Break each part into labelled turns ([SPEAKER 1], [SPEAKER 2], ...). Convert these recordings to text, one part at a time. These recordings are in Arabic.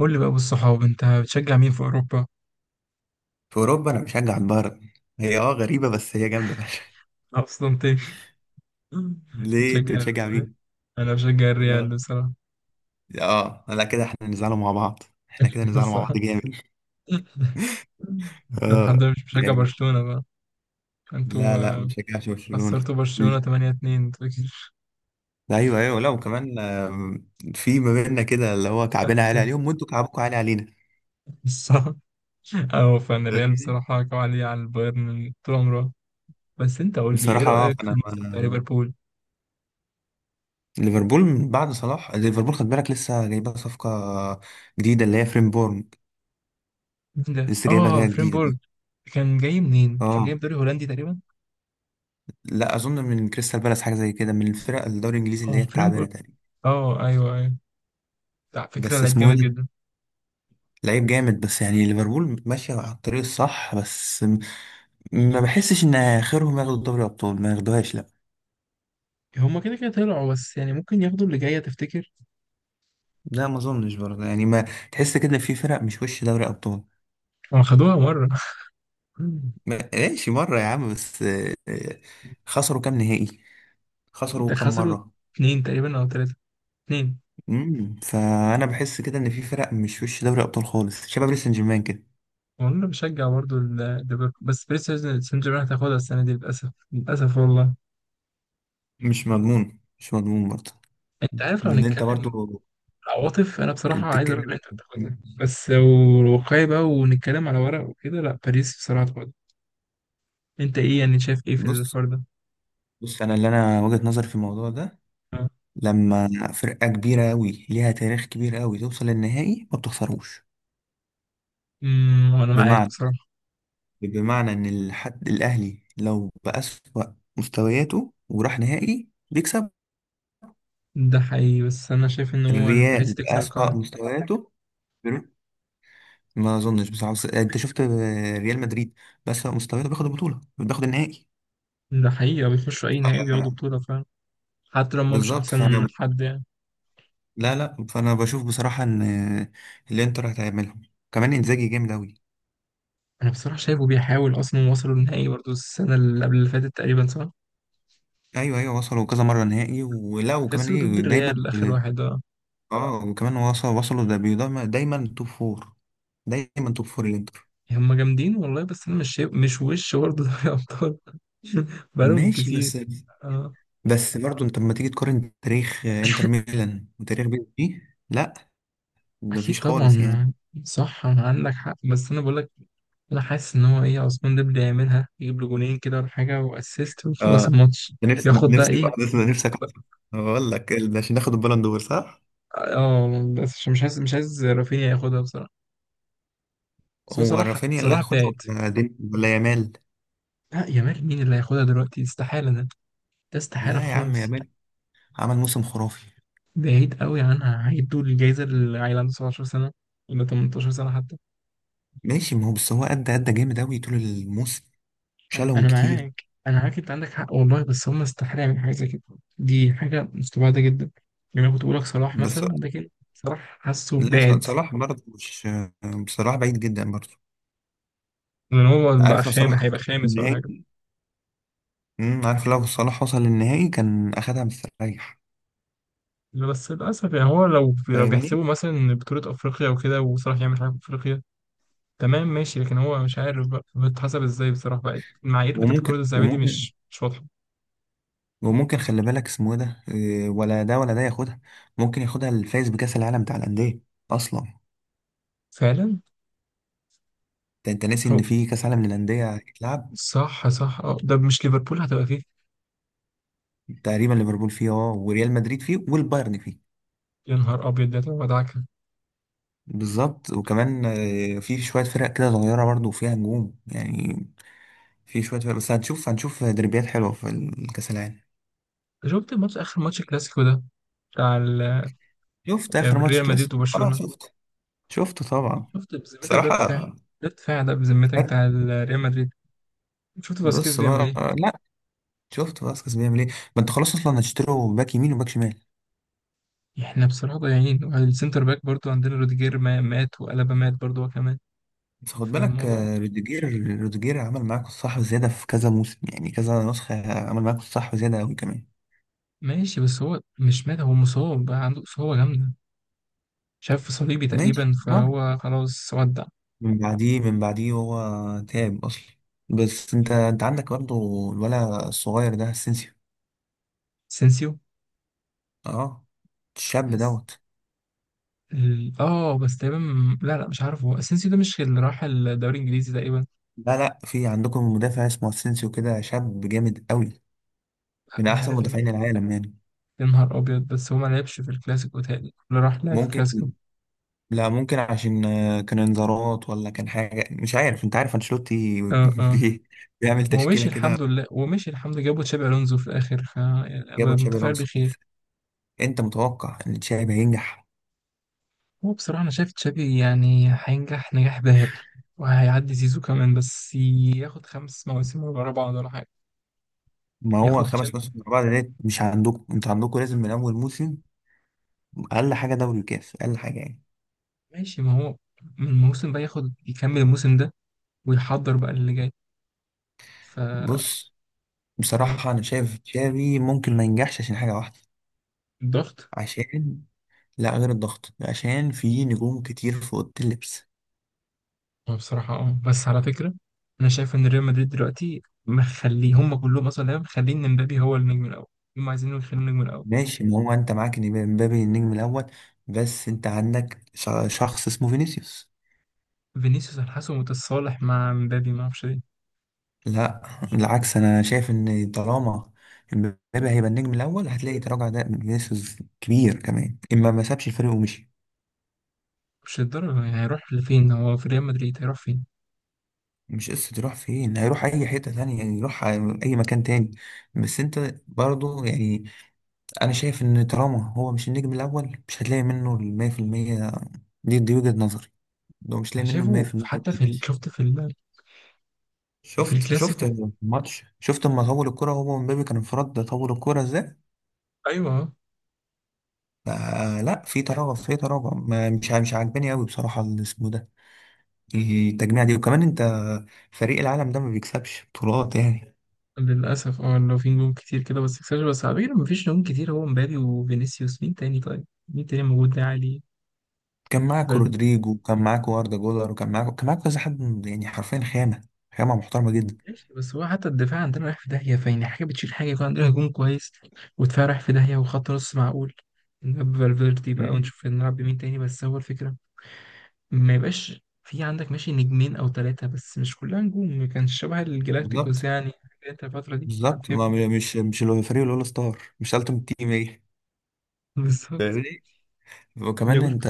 [SPEAKER 1] قول لي بقى بالصحاب، انت بتشجع مين في اوروبا؟
[SPEAKER 2] في اوروبا انا بشجع البايرن. هي غريبه بس هي جامده فشخ.
[SPEAKER 1] اصلا تاني.
[SPEAKER 2] ليه انت
[SPEAKER 1] بتشجع
[SPEAKER 2] بتشجع
[SPEAKER 1] ال-
[SPEAKER 2] مين؟
[SPEAKER 1] انا بشجع الريال
[SPEAKER 2] اه
[SPEAKER 1] بصراحه.
[SPEAKER 2] اه، لا كده احنا نزعلوا مع بعض. احنا كده نزعلوا مع بعض
[SPEAKER 1] صح.
[SPEAKER 2] جامد.
[SPEAKER 1] الحمد
[SPEAKER 2] اه
[SPEAKER 1] لله مش بشجع
[SPEAKER 2] يعني.
[SPEAKER 1] برشلونه بقى. انتوا
[SPEAKER 2] لا لا، ما
[SPEAKER 1] آه،
[SPEAKER 2] بشجعش برشلونه.
[SPEAKER 1] خسرتوا برشلونه 8-2 انتوا اكيد.
[SPEAKER 2] لا، ايوه ايوه، لا وكمان في ما بيننا كده اللي هو كعبنا عالي عليهم وانتوا كعبكم عالي علينا.
[SPEAKER 1] صح. اه، فانا الريال
[SPEAKER 2] فاهمني؟
[SPEAKER 1] بصراحه كوالي على البايرن من طول عمره. بس انت قول لي ايه
[SPEAKER 2] بصراحه
[SPEAKER 1] رايك في
[SPEAKER 2] فانا
[SPEAKER 1] الموسم بتاع ليفربول؟
[SPEAKER 2] ليفربول من بعد صلاح، ليفربول خد بالك لسه جايبه صفقه جديده اللي هي فريمبورن.
[SPEAKER 1] مين ده؟
[SPEAKER 2] لسه جايبه
[SPEAKER 1] اه،
[SPEAKER 2] جايه جديده
[SPEAKER 1] فريمبورج.
[SPEAKER 2] دي.
[SPEAKER 1] كان جاي منين؟ كان جاي
[SPEAKER 2] اه،
[SPEAKER 1] من دوري هولندي تقريبا.
[SPEAKER 2] لا اظن من كريستال بالاس، حاجه زي كده من الفرق الدوري الانجليزي اللي
[SPEAKER 1] اه،
[SPEAKER 2] هي التعبانه
[SPEAKER 1] فريمبورج.
[SPEAKER 2] تقريبا.
[SPEAKER 1] اه، ايوه ايوه. على فكره
[SPEAKER 2] بس
[SPEAKER 1] لعيب
[SPEAKER 2] اسمه ايه
[SPEAKER 1] جامد
[SPEAKER 2] ده؟
[SPEAKER 1] جدا.
[SPEAKER 2] لعيب جامد، بس يعني ليفربول ماشيه على الطريق الصح بس ما بحسش ان اخرهم ياخدوا دوري ابطال، ما ياخدوهاش لا.
[SPEAKER 1] هما كده كده طلعوا، بس يعني ممكن ياخدوا اللي جاية، تفتكر؟
[SPEAKER 2] لا ما اظنش برضه، يعني ما تحس كده في فرق مش وش دوري ابطال.
[SPEAKER 1] ما خدوها مرة؟
[SPEAKER 2] ماشي مره يا عم بس خسروا كام نهائي،
[SPEAKER 1] ده
[SPEAKER 2] خسروا كام
[SPEAKER 1] خسروا
[SPEAKER 2] مره.
[SPEAKER 1] اتنين تقريبا أو تلاتة. اتنين.
[SPEAKER 2] فانا بحس كده ان في فرق مش وش دوري ابطال خالص، شباب باريس سان جيرمان كده.
[SPEAKER 1] وانا بشجع برضو ال- ليفربول، بس باريس سان جيرمان هتاخدها السنة دي، للأسف للأسف والله.
[SPEAKER 2] مش مضمون، مش مضمون برضه.
[SPEAKER 1] أنت عارف، لو
[SPEAKER 2] لان انت
[SPEAKER 1] هنتكلم
[SPEAKER 2] برضه
[SPEAKER 1] عواطف أنا بصراحة عايز أقول
[SPEAKER 2] بتتكلم.
[SPEAKER 1] الإنتر تاخدها، بس لو واقعي بقى ونتكلم على ورق وكده، لأ، باريس بصراحة تاخدها. أنت إيه يعني شايف إيه في
[SPEAKER 2] بص
[SPEAKER 1] الحوار ده؟
[SPEAKER 2] بص، انا وجهة نظري في الموضوع ده.
[SPEAKER 1] آه.
[SPEAKER 2] لما فرقة كبيرة قوي ليها تاريخ كبير قوي توصل للنهائي ما بتخسروش.
[SPEAKER 1] وانا معاك
[SPEAKER 2] بمعنى
[SPEAKER 1] بصراحة.
[SPEAKER 2] بمعنى ان الحد الاهلي لو بأسوأ مستوياته وراح نهائي بيكسب.
[SPEAKER 1] ده حقيقي، بس انا شايف ان هو باريس
[SPEAKER 2] الريال
[SPEAKER 1] تكسر
[SPEAKER 2] بأسوأ
[SPEAKER 1] القاعدة.
[SPEAKER 2] مستوياته، بيرو- ما اظنش بصراحة. بس انت شفت ريال مدريد بأسوأ مستوياته بياخد البطولة، بياخد النهائي.
[SPEAKER 1] ده حقيقي، بيخشوا اي نهائي بياخدوا
[SPEAKER 2] ف-
[SPEAKER 1] بطولة فعلا. حتى لما مش
[SPEAKER 2] بالظبط.
[SPEAKER 1] احسن
[SPEAKER 2] فانا
[SPEAKER 1] حد يعني.
[SPEAKER 2] لا لا، فانا بشوف بصراحه ان الانتر هتعملهم، كمان انزاجي جامد اوي.
[SPEAKER 1] انا بصراحه شايفه بيحاول، اصلا وصلوا النهائي برضه السنه اللي قبل اللي فاتت تقريبا، صح؟
[SPEAKER 2] ايوه ايوه، وصلوا كذا مره نهائي، ولا وكمان
[SPEAKER 1] خسروا ضد
[SPEAKER 2] ايه، دايما
[SPEAKER 1] الريال اخر واحد، اه.
[SPEAKER 2] اه، وكمان وصلوا دايما توب فور، دايما توب فور الانتر.
[SPEAKER 1] هم جامدين والله، بس انا مش شايف، مش وش برضه دوري ابطال. بقالهم
[SPEAKER 2] ماشي
[SPEAKER 1] كتير،
[SPEAKER 2] بس.
[SPEAKER 1] اه.
[SPEAKER 2] بس برضه انت لما تيجي تقارن تاريخ انتر ميلان وتاريخ بي اس جي، لا ده
[SPEAKER 1] اكيد
[SPEAKER 2] مفيش خالص يعني.
[SPEAKER 1] طبعا. صح، انا عندك حق، بس انا بقول لك، انا حاسس ان هو ايه عثمان ديمبلي يعملها، يجيب له جونين كده ولا حاجه واسيست ويخلص
[SPEAKER 2] اه،
[SPEAKER 1] الماتش.
[SPEAKER 2] ده نفس
[SPEAKER 1] ياخد بقى
[SPEAKER 2] نفسك
[SPEAKER 1] ايه.
[SPEAKER 2] ده نفسك. بقول لك عشان ناخد البالون دور، صح؟
[SPEAKER 1] اه، بس عشان مش عايز مش عايز رافينيا ياخدها بصراحه. بس هو
[SPEAKER 2] هو
[SPEAKER 1] صلاح،
[SPEAKER 2] رافينيا اللي
[SPEAKER 1] صلاح
[SPEAKER 2] هياخدها
[SPEAKER 1] بعيد.
[SPEAKER 2] ولا دين ولا يامال؟
[SPEAKER 1] لا يامال؟ مين اللي هياخدها دلوقتي؟ استحالة ده. ده استحالة
[SPEAKER 2] لا يا عم،
[SPEAKER 1] خالص.
[SPEAKER 2] يامال عمل موسم خرافي.
[SPEAKER 1] بعيد قوي عنها، هيدوا الجايزة للعيل عنده 17 سنة ولا 18 سنة حتى.
[SPEAKER 2] ماشي، ما هو بس هو أدى جامد أوي طول الموسم،
[SPEAKER 1] أنا
[SPEAKER 2] شالهم
[SPEAKER 1] أنا
[SPEAKER 2] كتير.
[SPEAKER 1] معاك، أنا معاك، أنت عندك حق والله، بس هم استحالة يعملوا حاجة زي كده. دي حاجة مستبعدة جدا. يعني أنا كنت بقول لك صلاح
[SPEAKER 2] بس
[SPEAKER 1] مثلا، ده كده صلاح حاسه
[SPEAKER 2] لا
[SPEAKER 1] بعد.
[SPEAKER 2] صلاح برضه مش. صلاح بعيد جدا برضه.
[SPEAKER 1] لان هو بقى
[SPEAKER 2] عارف لو صلاح
[SPEAKER 1] خامس،
[SPEAKER 2] كان
[SPEAKER 1] هيبقى
[SPEAKER 2] في
[SPEAKER 1] خامس ولا حاجه.
[SPEAKER 2] النهائي، عارف لو صلاح وصل للنهائي كان أخدها مستريح.
[SPEAKER 1] بس للاسف يعني هو لو
[SPEAKER 2] فاهمني؟
[SPEAKER 1] بيحسبوا مثلا بطوله افريقيا وكده وصلاح يعمل حاجه في افريقيا. تمام ماشي، لكن هو مش عارف بقى بتحسب ازاي بصراحة بقى، المعايير بتاعت الكرة
[SPEAKER 2] وممكن
[SPEAKER 1] الذهبية دي
[SPEAKER 2] وممكن،
[SPEAKER 1] مش واضحة.
[SPEAKER 2] وممكن خلي بالك، اسمه إيه ده، إيه، ولا ده ولا ده ياخدها. ممكن ياخدها الفايز بكأس العالم بتاع الأندية أصلا.
[SPEAKER 1] فعلا.
[SPEAKER 2] انت ناسي
[SPEAKER 1] هو
[SPEAKER 2] ان في كأس عالم للأندية هيتلعب.
[SPEAKER 1] صح صح، اه ده مش ليفربول هتبقى فيه؟
[SPEAKER 2] تقريبا ليفربول فيه، وريال مدريد فيه والبايرن فيه.
[SPEAKER 1] يا نهار ابيض، ده هتبقى مدعكة.
[SPEAKER 2] بالظبط وكمان في شوية فرق كده صغيرة برضو فيها نجوم يعني، في شوية فرق. بس هنشوف دربيات حلوة في الكأس العالم.
[SPEAKER 1] شفت الماتش، اخر ماتش كلاسيكو ده، بتاع ال-
[SPEAKER 2] شفت
[SPEAKER 1] آه،
[SPEAKER 2] آخر ماتش
[SPEAKER 1] ريال مدريد
[SPEAKER 2] كلاسيكو؟ اه
[SPEAKER 1] وبرشلونة؟
[SPEAKER 2] شفت، شفته طبعا.
[SPEAKER 1] شفت بذمتك ده دفاع؟
[SPEAKER 2] بصراحة
[SPEAKER 1] ده دفاع، ده بذمتك
[SPEAKER 2] فرق.
[SPEAKER 1] بتاع ريال مدريد. شفت فاسكيز
[SPEAKER 2] بص
[SPEAKER 1] بيعمل
[SPEAKER 2] بقى،
[SPEAKER 1] ايه.
[SPEAKER 2] لا، شفت باسكس بيعمل ايه؟ ما انت خلاص، اصلا هتشتروا باك يمين وباك شمال.
[SPEAKER 1] احنا بصراحة ضايعين، والسنتر باك برضو عندنا روديجير مات، وألابا مات برضو هو كمان.
[SPEAKER 2] بس خد بالك
[SPEAKER 1] فالموضوع.
[SPEAKER 2] روديجير، روديجير عمل معاكوا الصح وزيادة في كذا موسم، يعني كذا نسخة عمل معاكوا الصح وزيادة أوي كمان.
[SPEAKER 1] ماشي، بس هو مش مات، هو مصاب بقى عنده إصابة جامدة، شاف صليبي تقريبا
[SPEAKER 2] ماشي اه.
[SPEAKER 1] فهو خلاص ودع.
[SPEAKER 2] من بعديه هو تعب اصلا. بس انت عندك برضه الولا الصغير ده، اسينسيو.
[SPEAKER 1] اسينسيو.
[SPEAKER 2] اه، الشاب
[SPEAKER 1] بس-
[SPEAKER 2] دوت.
[SPEAKER 1] بس تقريبا. لا لا، مش عارف، هو اسينسيو ده مش اللي راح الدوري الانجليزي تقريبا؟
[SPEAKER 2] لا لا، في عندكم مدافع اسمه اسينسيو كده، شاب جامد قوي، من
[SPEAKER 1] انا
[SPEAKER 2] احسن
[SPEAKER 1] عارف ان،
[SPEAKER 2] مدافعين العالم يعني.
[SPEAKER 1] يا نهار ابيض، بس هو ما لعبش في الكلاسيكو تاني، اللي راح لعب في الكلاسيكو.
[SPEAKER 2] ممكن، لا ممكن عشان كان انذارات ولا كان حاجه، مش عارف، انت عارف انشيلوتي
[SPEAKER 1] اه اه.
[SPEAKER 2] بي- بيعمل
[SPEAKER 1] هو
[SPEAKER 2] تشكيله
[SPEAKER 1] مشي
[SPEAKER 2] كده.
[SPEAKER 1] الحمد لله، هو مشي الحمد لله، جابوا تشابي الونزو في الاخر ف يعني
[SPEAKER 2] جابوا
[SPEAKER 1] أبقى
[SPEAKER 2] تشابي
[SPEAKER 1] متفائل
[SPEAKER 2] الونسو.
[SPEAKER 1] بخير.
[SPEAKER 2] انت متوقع ان تشابي هينجح؟
[SPEAKER 1] هو بصراحه انا شايف تشابي يعني هينجح نجاح باهر، وهيعدي زيزو كمان، بس ياخد خمس مواسم ورا بعض ولا حاجه.
[SPEAKER 2] ما هو
[SPEAKER 1] ياخد،
[SPEAKER 2] 5 مواسم ورا بعض ديت مش عندكم، انت عندكم لازم من اول موسم. اقل حاجه دوري وكاس، اقل حاجه يعني.
[SPEAKER 1] ماشي، ما هو من الموسم بقى ياخد، يكمل الموسم ده ويحضر بقى اللي جاي ف.
[SPEAKER 2] بص،
[SPEAKER 1] آه،
[SPEAKER 2] بصراحه انا شايف تشافي ممكن ما ينجحش عشان حاجه واحده.
[SPEAKER 1] الضغط.
[SPEAKER 2] عشان، لا غير الضغط، عشان في نجوم كتير في اوضه اللبس.
[SPEAKER 1] هو بصراحة بس على فكرة، أنا شايف إن ريال مدريد دلوقتي مخليه هم كلهم أصلا لعيبة، مخلين إمبابي هو النجم الأول. هم عايزين يخلوا النجم الأول
[SPEAKER 2] ماشي، ما هو انت معاك إن مبابي النجم الاول بس انت عندك شخص اسمه فينيسيوس.
[SPEAKER 1] فينيسيوس، الحاسه متصالح مع إمبابي، ما أعرفش ليه.
[SPEAKER 2] لا بالعكس، انا شايف ان طالما مبابي هيبقى النجم الاول هتلاقي تراجع ده من فينيسيوس كبير كمان، اما ما سابش الفريق ومشي.
[SPEAKER 1] مش الدرجة يعني، هيروح لفين؟ هو في ريال مدريد هيروح فين؟
[SPEAKER 2] مش قصة يروح فين، هيروح أي حتة تانية يعني، يروح أي مكان تاني. بس أنت برضو يعني، أنا شايف إن طالما هو مش النجم الأول مش هتلاقي منه المية في المية. دي وجهة نظري، لو مش
[SPEAKER 1] أنا
[SPEAKER 2] لاقي منه المية
[SPEAKER 1] شايفه
[SPEAKER 2] في المية
[SPEAKER 1] حتى في ال-
[SPEAKER 2] بتاعتي.
[SPEAKER 1] شفت في ال... في
[SPEAKER 2] شفت
[SPEAKER 1] الكلاسيكو،
[SPEAKER 2] الماتش؟ شفت لما طول الكرة هو ومبابي كان انفراد ده، طول الكرة ازاي.
[SPEAKER 1] أيوه آه.
[SPEAKER 2] فلا، في تراجع، في تراجع مش عاجباني قوي بصراحة، الاسم ده التجميع دي. وكمان انت، فريق العالم ده ما بيكسبش بطولات يعني.
[SPEAKER 1] للأسف. اه لو في نجوم كتير كده بس اكسجر، بس على فكرة مفيش نجوم كتير، هو مبابي وفينيسيوس. مين تاني طيب؟ مين تاني موجود ده عالي؟
[SPEAKER 2] كان معاك
[SPEAKER 1] فال-
[SPEAKER 2] رودريجو، وكان معاك واردا جولر، وكان معاك كان معاك كذا حد يعني حرفيا خامة، خامة محترمة جدا.
[SPEAKER 1] ماشي، بس هو حتى الدفاع عندنا رايح في داهية، فيعني حاجة بتشيل حاجة، يكون عندنا هجوم كويس ودفاع رايح في داهية وخط نص معقول. نلعب فالفيردي بقى
[SPEAKER 2] مم.
[SPEAKER 1] ونشوف، نلعب بمين تاني؟ بس هو الفكرة، ما يبقاش في عندك ماشي نجمين أو ثلاثة بس مش كلها نجوم، ما كانش شبه الجلاكتيكوس
[SPEAKER 2] بالظبط.
[SPEAKER 1] يعني، حاجة انت الفترة دي كان
[SPEAKER 2] بالظبط
[SPEAKER 1] فيها.
[SPEAKER 2] ما مش اللي هو فريق الاول ستار، مش التيم تيم ايه.
[SPEAKER 1] بالظبط.
[SPEAKER 2] فاهمني؟ وكمان
[SPEAKER 1] وياجوز.
[SPEAKER 2] انت،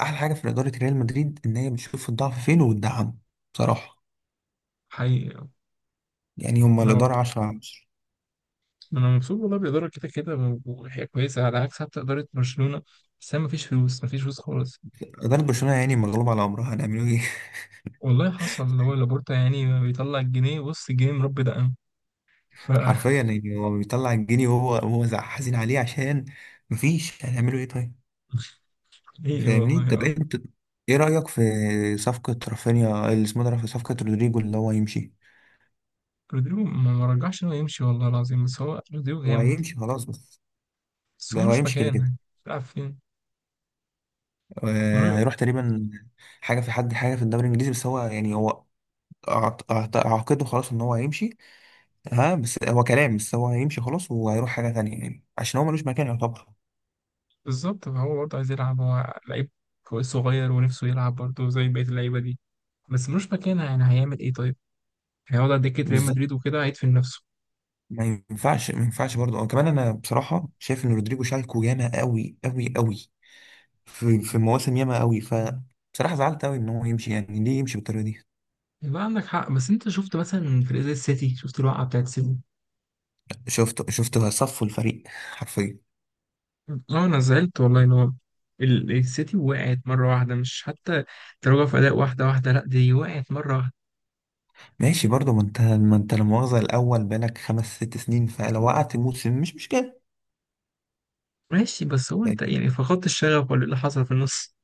[SPEAKER 2] احلى حاجة في إدارة ريال مدريد ان هي بتشوف الضعف فين وبتدعمه بصراحة.
[SPEAKER 1] حقيقي.
[SPEAKER 2] يعني هما
[SPEAKER 1] لو
[SPEAKER 2] الإدارة 10 على 10.
[SPEAKER 1] انا مبسوط والله بالاداره، كده كده وهي كويسه، على عكس حتى اداره برشلونه، بس ما فيش فلوس، ما فيش فلوس خالص.
[SPEAKER 2] إدارة برشلونة يعني مغلوبة على أمرها، هنعملوا إيه؟
[SPEAKER 1] والله حصل، اللي هو لابورتا يعني بيطلع الجنيه، بص الجنيه مربي دقن ف.
[SPEAKER 2] حرفيا، يعني هو بيطلع الجنيه، وهو هو حزين عليه عشان مفيش. هنعملوا إيه طيب؟
[SPEAKER 1] ايه
[SPEAKER 2] فاهمني.
[SPEAKER 1] والله،
[SPEAKER 2] طب
[SPEAKER 1] اه.
[SPEAKER 2] انت ايه رأيك في صفقة رافينيا، اللي اسمه ده، في صفقة رودريجو اللي هو هيمشي.
[SPEAKER 1] رودريجو ما رجعش انه يمشي والله العظيم، بس هو رودريجو
[SPEAKER 2] هو
[SPEAKER 1] جامد،
[SPEAKER 2] هيمشي خلاص، بس
[SPEAKER 1] بس هو
[SPEAKER 2] ده هو
[SPEAKER 1] مش
[SPEAKER 2] هيمشي كده
[SPEAKER 1] مكان
[SPEAKER 2] كده.
[SPEAKER 1] يعني، بيلعب فين؟
[SPEAKER 2] آه،
[SPEAKER 1] ملو-
[SPEAKER 2] هيروح تقريبا حاجة، في حد، حاجة في الدوري الإنجليزي. بس هو يعني هو أعتقده خلاص إن هو هيمشي. ها، بس هو كلام، بس هو هيمشي خلاص وهيروح حاجة تانية يعني، عشان هو ملوش مكان يعتبر.
[SPEAKER 1] بالظبط، فهو برضه عايز يلعب، هو لعيب كويس صغير ونفسه يلعب برضه زي بقيه اللعيبه دي، بس ملوش مكانها يعني هيعمل ايه طيب؟ هيقعد على دكه ريال
[SPEAKER 2] بالظبط
[SPEAKER 1] مدريد وكده هيدفن نفسه.
[SPEAKER 2] ما ينفعش، ما ينفعش برضه. وكمان أنا بصراحة شايف إن رودريجو شالكو ياما قوي قوي قوي، في في مواسم ياما قوي. ف بصراحة زعلت قوي ان هو يمشي، يعني ليه يمشي بالطريقة دي؟
[SPEAKER 1] يبقى عندك حق، بس انت شفت مثلا فريق زي السيتي، شفت الوقعه بتاعت السيتي؟
[SPEAKER 2] شفته صفوا الفريق حرفيا.
[SPEAKER 1] اه، انا زعلت والله، ان هو السيتي وقعت مره واحده، مش حتى تراجع في اداء، واحده واحده، لا دي وقعت مره واحده.
[SPEAKER 2] ماشي برضه، ما انت لا مؤاخذة الاول بقالك خمس ست سنين، فلو وقعت موسم مش مشكلة.
[SPEAKER 1] ماشي، بس هو انت
[SPEAKER 2] فاهمني؟
[SPEAKER 1] يعني فقدت الشغف ولا ايه اللي حصل في النص.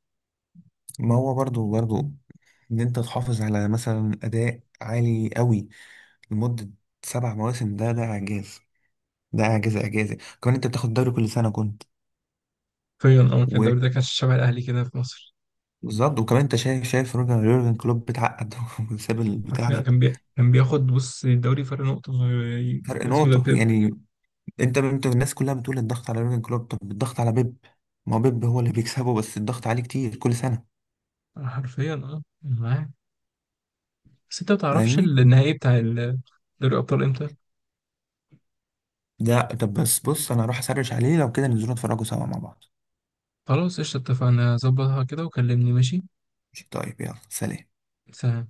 [SPEAKER 2] ما هو برضه برضه، ان انت تحافظ على مثلا اداء عالي قوي لمدة 7 مواسم. ده اعجاز، ده اعجاز اعجازي. كمان انت بتاخد دوري كل سنة كنت.
[SPEAKER 1] حرفيا كان
[SPEAKER 2] و-
[SPEAKER 1] الدوري ده كان شبه الاهلي كده في مصر.
[SPEAKER 2] بالظبط. وكمان انت شايف روجر يورجن كلوب بيتعقد وساب البتاع
[SPEAKER 1] حرفيا
[SPEAKER 2] ده.
[SPEAKER 1] كان بياخد، بص الدوري فرق نقطه،
[SPEAKER 2] فرق
[SPEAKER 1] اسمه ده
[SPEAKER 2] نقطة
[SPEAKER 1] بيب.
[SPEAKER 2] يعني. انت الناس كلها بتقول الضغط على يورجن كلوب، طب الضغط على بيب. ما هو بيب هو اللي بيكسبه، بس الضغط عليه كتير كل سنه.
[SPEAKER 1] حرفيا أنا معاك، بس انت ما تعرفش
[SPEAKER 2] فاهمني.
[SPEAKER 1] النهائي بتاع دوري الابطال امتى؟
[SPEAKER 2] لا طب بس، بص انا هروح اسرش عليه لو كده ننزلوا نتفرجوا سوا مع بعض.
[SPEAKER 1] خلاص قشطه، اتفقنا، ظبطها كده وكلمني، ماشي.
[SPEAKER 2] ماشي، طيب يلا سلام.
[SPEAKER 1] سلام.